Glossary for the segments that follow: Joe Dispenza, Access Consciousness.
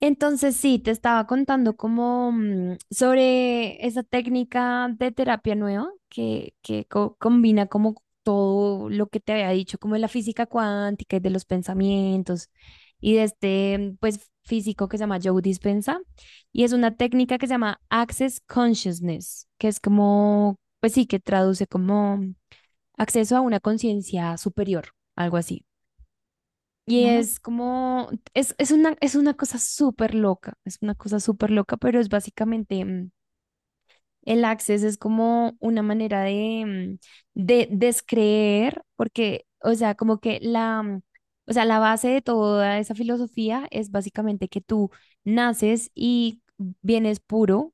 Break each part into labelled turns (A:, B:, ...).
A: Entonces sí, te estaba contando como sobre esa técnica de terapia nueva que combina como todo lo que te había dicho, como de la física cuántica y de los pensamientos y de este pues físico que se llama Joe Dispenza, y es una técnica que se llama Access Consciousness, que es como, pues sí, que traduce como acceso a una conciencia superior, algo así. Y
B: ¿No?
A: es como, es una cosa súper loca, es una cosa súper loca, pero es básicamente, el access es como una manera de, de descreer, porque, o sea, como que o sea, la base de toda esa filosofía es básicamente que tú naces y vienes puro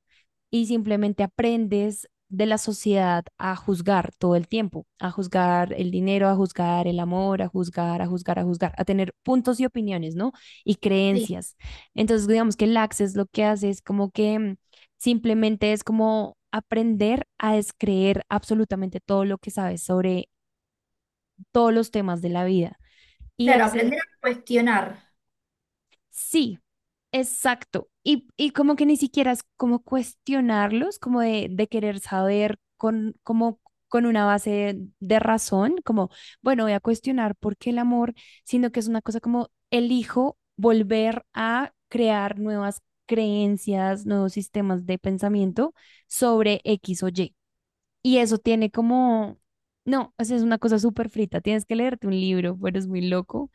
A: y simplemente aprendes de la sociedad a juzgar todo el tiempo, a juzgar el dinero, a juzgar el amor, a juzgar, a juzgar, a juzgar, a tener puntos y opiniones, ¿no? Y
B: Sí,
A: creencias. Entonces, digamos que el access lo que hace es como que simplemente es como aprender a descreer absolutamente todo lo que sabes sobre todos los temas de la vida. Y
B: claro,
A: acce-
B: aprender a cuestionar.
A: sí, exacto. Y como que ni siquiera es como cuestionarlos, como de querer saber como con una base de razón, como, bueno, voy a cuestionar por qué el amor, sino que es una cosa como elijo volver a crear nuevas creencias, nuevos sistemas de pensamiento sobre X o Y. Y eso tiene como, no, o sea, es una cosa súper frita, tienes que leerte un libro, pero es muy loco,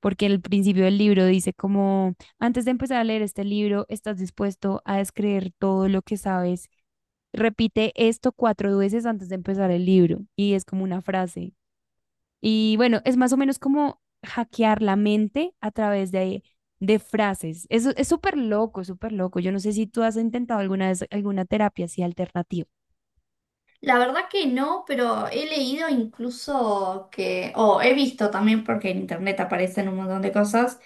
A: porque el principio del libro dice como, antes de empezar a leer este libro, estás dispuesto a descreer todo lo que sabes, repite esto 4 veces antes de empezar el libro, y es como una frase. Y bueno, es más o menos como hackear la mente a través de frases. Eso es súper loco, súper loco. Yo no sé si tú has intentado alguna vez alguna terapia así alternativa.
B: La verdad que no, pero he leído incluso que, o he visto también, porque en internet aparecen un montón de cosas,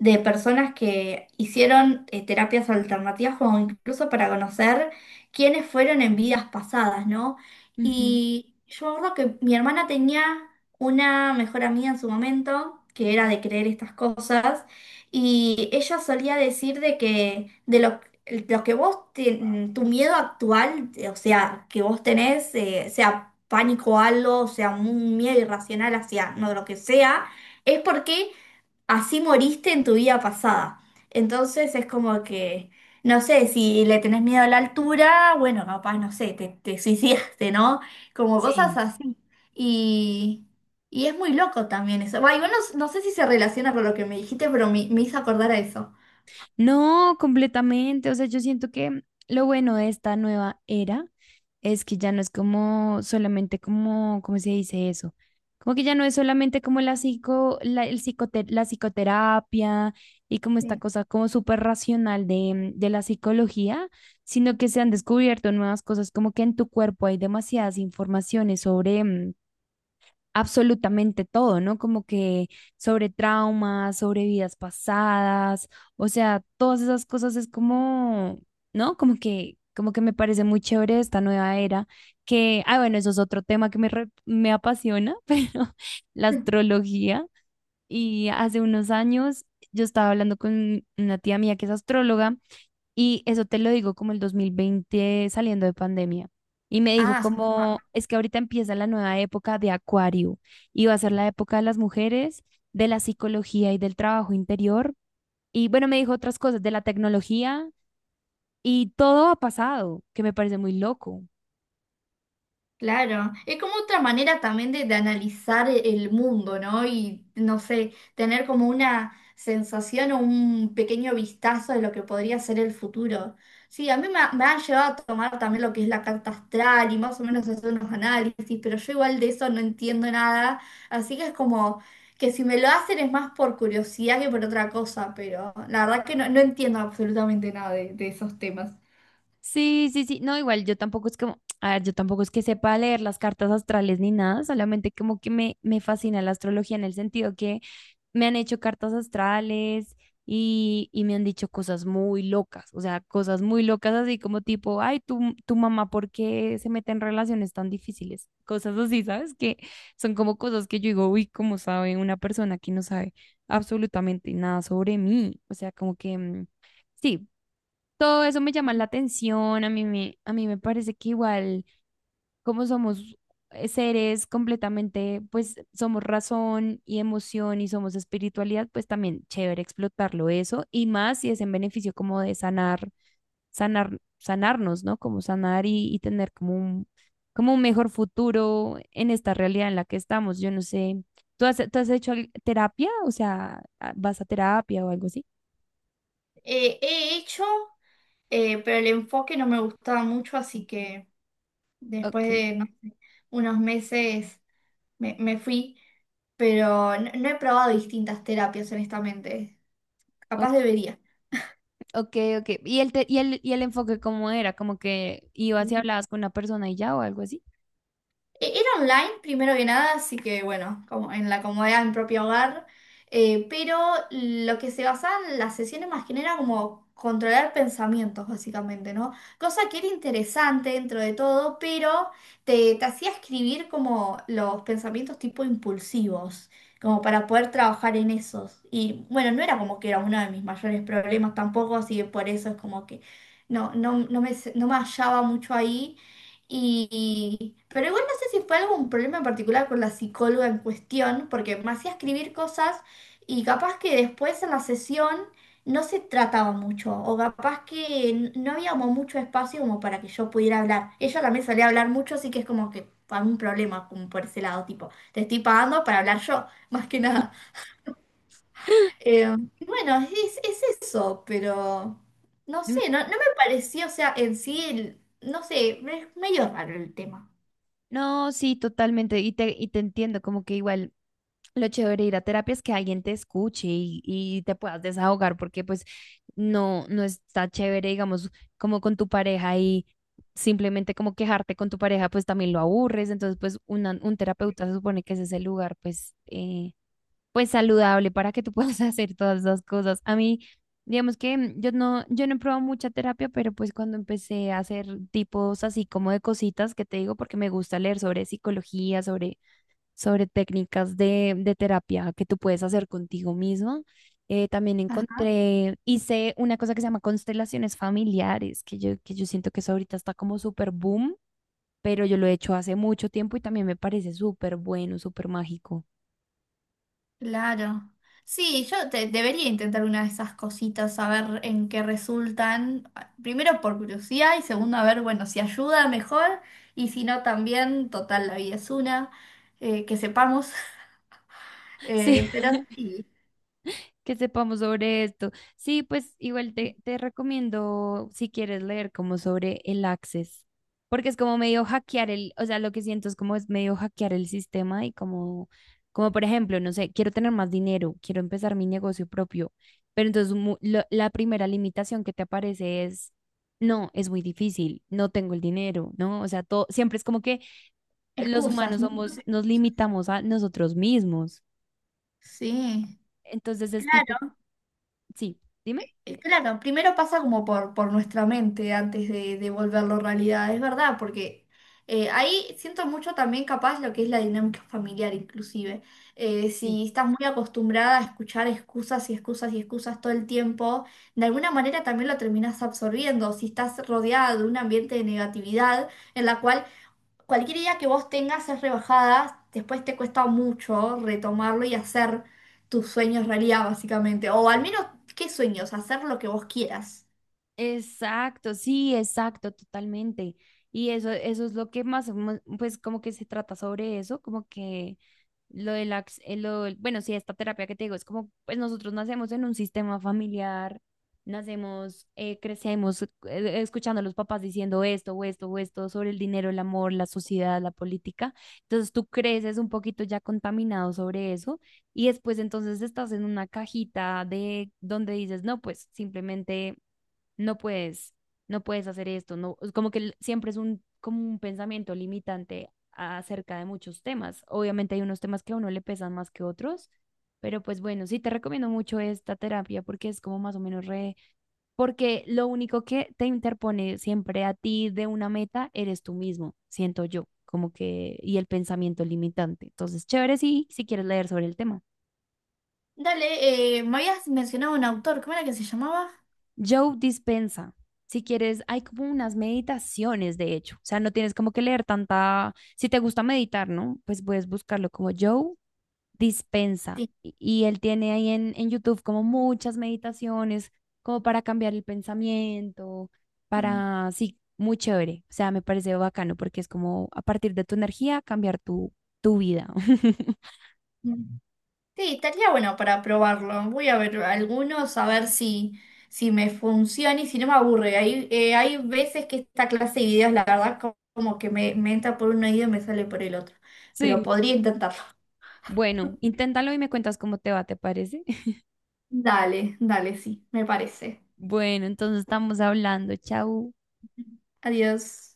B: de personas que hicieron terapias alternativas o incluso para conocer quiénes fueron en vidas pasadas, ¿no?
A: Ujú.
B: Y yo me acuerdo que mi hermana tenía una mejor amiga en su momento, que era de creer estas cosas, y ella solía decir de que lo que vos, tu miedo actual, o sea, que vos tenés, sea pánico a algo, sea un miedo irracional hacia no, lo que sea, es porque así moriste en tu vida pasada. Entonces es como que, no sé, si le tenés miedo a la altura, bueno, capaz, no sé, te suicidaste, ¿no? Como cosas
A: Sí.
B: así. Y, y es muy loco también eso. Va, igual no sé si se relaciona con lo que me dijiste, pero me hizo acordar a eso.
A: No, completamente. O sea, yo siento que lo bueno de esta nueva era es que ya no es como solamente como, ¿cómo se dice eso? Como que ya no es solamente como la la psicoterapia y como esta cosa como súper racional de la psicología, sino que se han descubierto nuevas cosas, como que en tu cuerpo hay demasiadas informaciones sobre, absolutamente todo, ¿no? Como que sobre traumas, sobre vidas pasadas, o sea, todas esas cosas es como, ¿no? Como como que me parece muy chévere esta nueva era, que, ah, bueno, eso es otro tema que me apasiona, pero la astrología. Y hace unos años yo estaba hablando con una tía mía que es astróloga, y eso te lo digo como el 2020 saliendo de pandemia. Y me dijo
B: Ah,
A: como, es que ahorita empieza la nueva época de Acuario y va a ser la época de las mujeres, de la psicología y del trabajo interior. Y bueno, me dijo otras cosas de la tecnología y todo ha pasado, que me parece muy loco.
B: claro, es como otra manera también de analizar el mundo, ¿no? Y, no sé, tener como una sensación o un pequeño vistazo de lo que podría ser el futuro. Sí, a me han llevado a tomar también lo que es la carta astral y más o menos hacer unos análisis, pero yo igual de eso no entiendo nada, así que es como que si me lo hacen es más por curiosidad que por otra cosa, pero la verdad que no, no entiendo absolutamente nada de esos temas.
A: Sí, sí, sí. No, igual yo tampoco es como, a ver, yo tampoco es que sepa leer las cartas astrales ni nada, solamente como que me fascina la astrología en el sentido que me han hecho cartas astrales y me han dicho cosas muy locas, o sea, cosas muy locas así como tipo, ay, tu mamá, ¿por qué se mete en relaciones tan difíciles? Cosas así, ¿sabes? Que son como cosas que yo digo, uy, ¿cómo sabe una persona que no sabe absolutamente nada sobre mí? O sea, como que... mm, sí, todo eso me llama la atención, a a mí me parece que igual como somos seres completamente, pues somos razón y emoción y somos espiritualidad, pues también chévere explotarlo eso y más si es en beneficio como de sanar, sanar, sanarnos, ¿no? Como sanar y tener como como un mejor futuro en esta realidad en la que estamos. Yo no sé, tú has hecho terapia? O sea, ¿vas a terapia o algo así?
B: He hecho. Pero el enfoque no me gustaba mucho, así que después
A: Ok,
B: de no sé, unos meses me fui, pero no, no he probado distintas terapias, honestamente. Capaz debería.
A: ok, ok. ¿Y y y el enfoque cómo era? ¿Como que ibas y hablabas con una persona y ya o algo así?
B: Era online, primero que nada, así que bueno, como en la comodidad de mi propio hogar. Pero lo que se basaban las sesiones más que nada era como controlar pensamientos, básicamente, ¿no? Cosa que era interesante dentro de todo, pero te hacía escribir como los pensamientos tipo impulsivos, como para poder trabajar en esos. Y bueno, no era como que era uno de mis mayores problemas tampoco, así que por eso es como que no no me hallaba mucho ahí. Y, pero igual no sé si fue algún problema en particular con la psicóloga en cuestión, porque me hacía escribir cosas y capaz que después en la sesión no se trataba mucho, o capaz que no había como mucho espacio como para que yo pudiera hablar. Ella también solía hablar mucho, así que es como que algún problema como por ese lado, tipo, te estoy pagando para hablar yo, más que nada. Y bueno, es eso, pero no sé,
A: Mm,
B: no me pareció, o sea, en sí, no sé, es medio raro el tema.
A: no, sí, totalmente. Y y te entiendo, como que igual lo chévere de ir a terapia es que alguien te escuche y te puedas desahogar, porque pues no, no está chévere, digamos, como con tu pareja y simplemente como quejarte con tu pareja, pues también lo aburres. Entonces, pues un terapeuta se supone que ese es el lugar, pues, pues saludable para que tú puedas hacer todas las cosas. A mí, digamos que yo no he probado mucha terapia, pero pues cuando empecé a hacer tipos así como de cositas que te digo, porque me gusta leer sobre psicología, sobre, sobre técnicas de terapia que tú puedes hacer contigo mismo. Eh, también encontré, hice una cosa que se llama constelaciones familiares, que que yo siento que eso ahorita está como súper boom, pero yo lo he hecho hace mucho tiempo y también me parece súper bueno, súper mágico.
B: Claro. Sí, debería intentar una de esas cositas, a ver en qué resultan. Ah, primero por curiosidad y segundo a ver, bueno, si ayuda mejor y si no también, total, la vida es una, que sepamos.
A: Sí,
B: Pero sí,
A: que sepamos sobre esto. Sí, pues igual te recomiendo si quieres leer como sobre el Access, porque es como medio hackear el, o sea, lo que siento es como es medio hackear el sistema y como, como por ejemplo, no sé, quiero tener más dinero, quiero empezar mi negocio propio, pero entonces la primera limitación que te aparece es... No, es muy difícil, no tengo el dinero, ¿no? O sea, todo, siempre es como que los
B: excusas.
A: humanos somos,
B: Muchas...
A: nos limitamos a nosotros mismos.
B: Sí.
A: Entonces es tipo, sí, dime.
B: Claro, primero pasa como por nuestra mente antes de volverlo realidad, es verdad, porque ahí siento mucho también capaz lo que es la dinámica familiar inclusive.
A: Sí.
B: Si estás muy acostumbrada a escuchar excusas y excusas y excusas todo el tiempo, de alguna manera también lo terminas absorbiendo. Si estás rodeada de un ambiente de negatividad en la cual cualquier idea que vos tengas es rebajada, después te cuesta mucho retomarlo y hacer tus sueños realidad, básicamente. O al menos, ¿qué sueños? Hacer lo que vos quieras.
A: Exacto, sí, exacto, totalmente. Y eso es lo que más, o pues como que se trata sobre eso, como que lo de la bueno, sí, esta terapia que te digo, es como, pues nosotros nacemos en un sistema familiar, nacemos, crecemos escuchando a los papás diciendo esto o esto o esto sobre el dinero, el amor, la sociedad, la política. Entonces tú creces un poquito ya contaminado sobre eso y después entonces estás en una cajita de donde dices, no, pues simplemente no puedes, no puedes hacer esto, no, es como que siempre es un, como un pensamiento limitante acerca de muchos temas. Obviamente hay unos temas que a uno le pesan más que otros, pero pues bueno, sí te recomiendo mucho esta terapia porque es como más o menos re, porque lo único que te interpone siempre a ti de una meta eres tú mismo, siento yo, como que, y el pensamiento limitante. Entonces, chévere si, si quieres leer sobre el tema.
B: Dale, me habías mencionado un autor, ¿cómo era que se llamaba?
A: Joe Dispensa, si quieres, hay como unas meditaciones, de hecho. O sea, no tienes como que leer tanta... Si te gusta meditar, ¿no? Pues puedes buscarlo como Joe Dispensa,
B: Sí.
A: y él tiene ahí en YouTube como muchas meditaciones, como para cambiar el pensamiento, para... Sí, muy chévere. O sea, me parece bacano porque es como a partir de tu energía cambiar tu vida.
B: Mm. Sí, estaría bueno para probarlo. Voy a ver algunos a ver si, si me funciona y si no me aburre. Hay, hay veces que esta clase de videos, la verdad, como que me entra por un oído y me sale por el otro. Pero
A: Sí.
B: podría intentarlo.
A: Bueno, inténtalo y me cuentas cómo te va, ¿te parece?
B: Dale, dale, sí, me parece.
A: Bueno, entonces estamos hablando. Chau.
B: Adiós.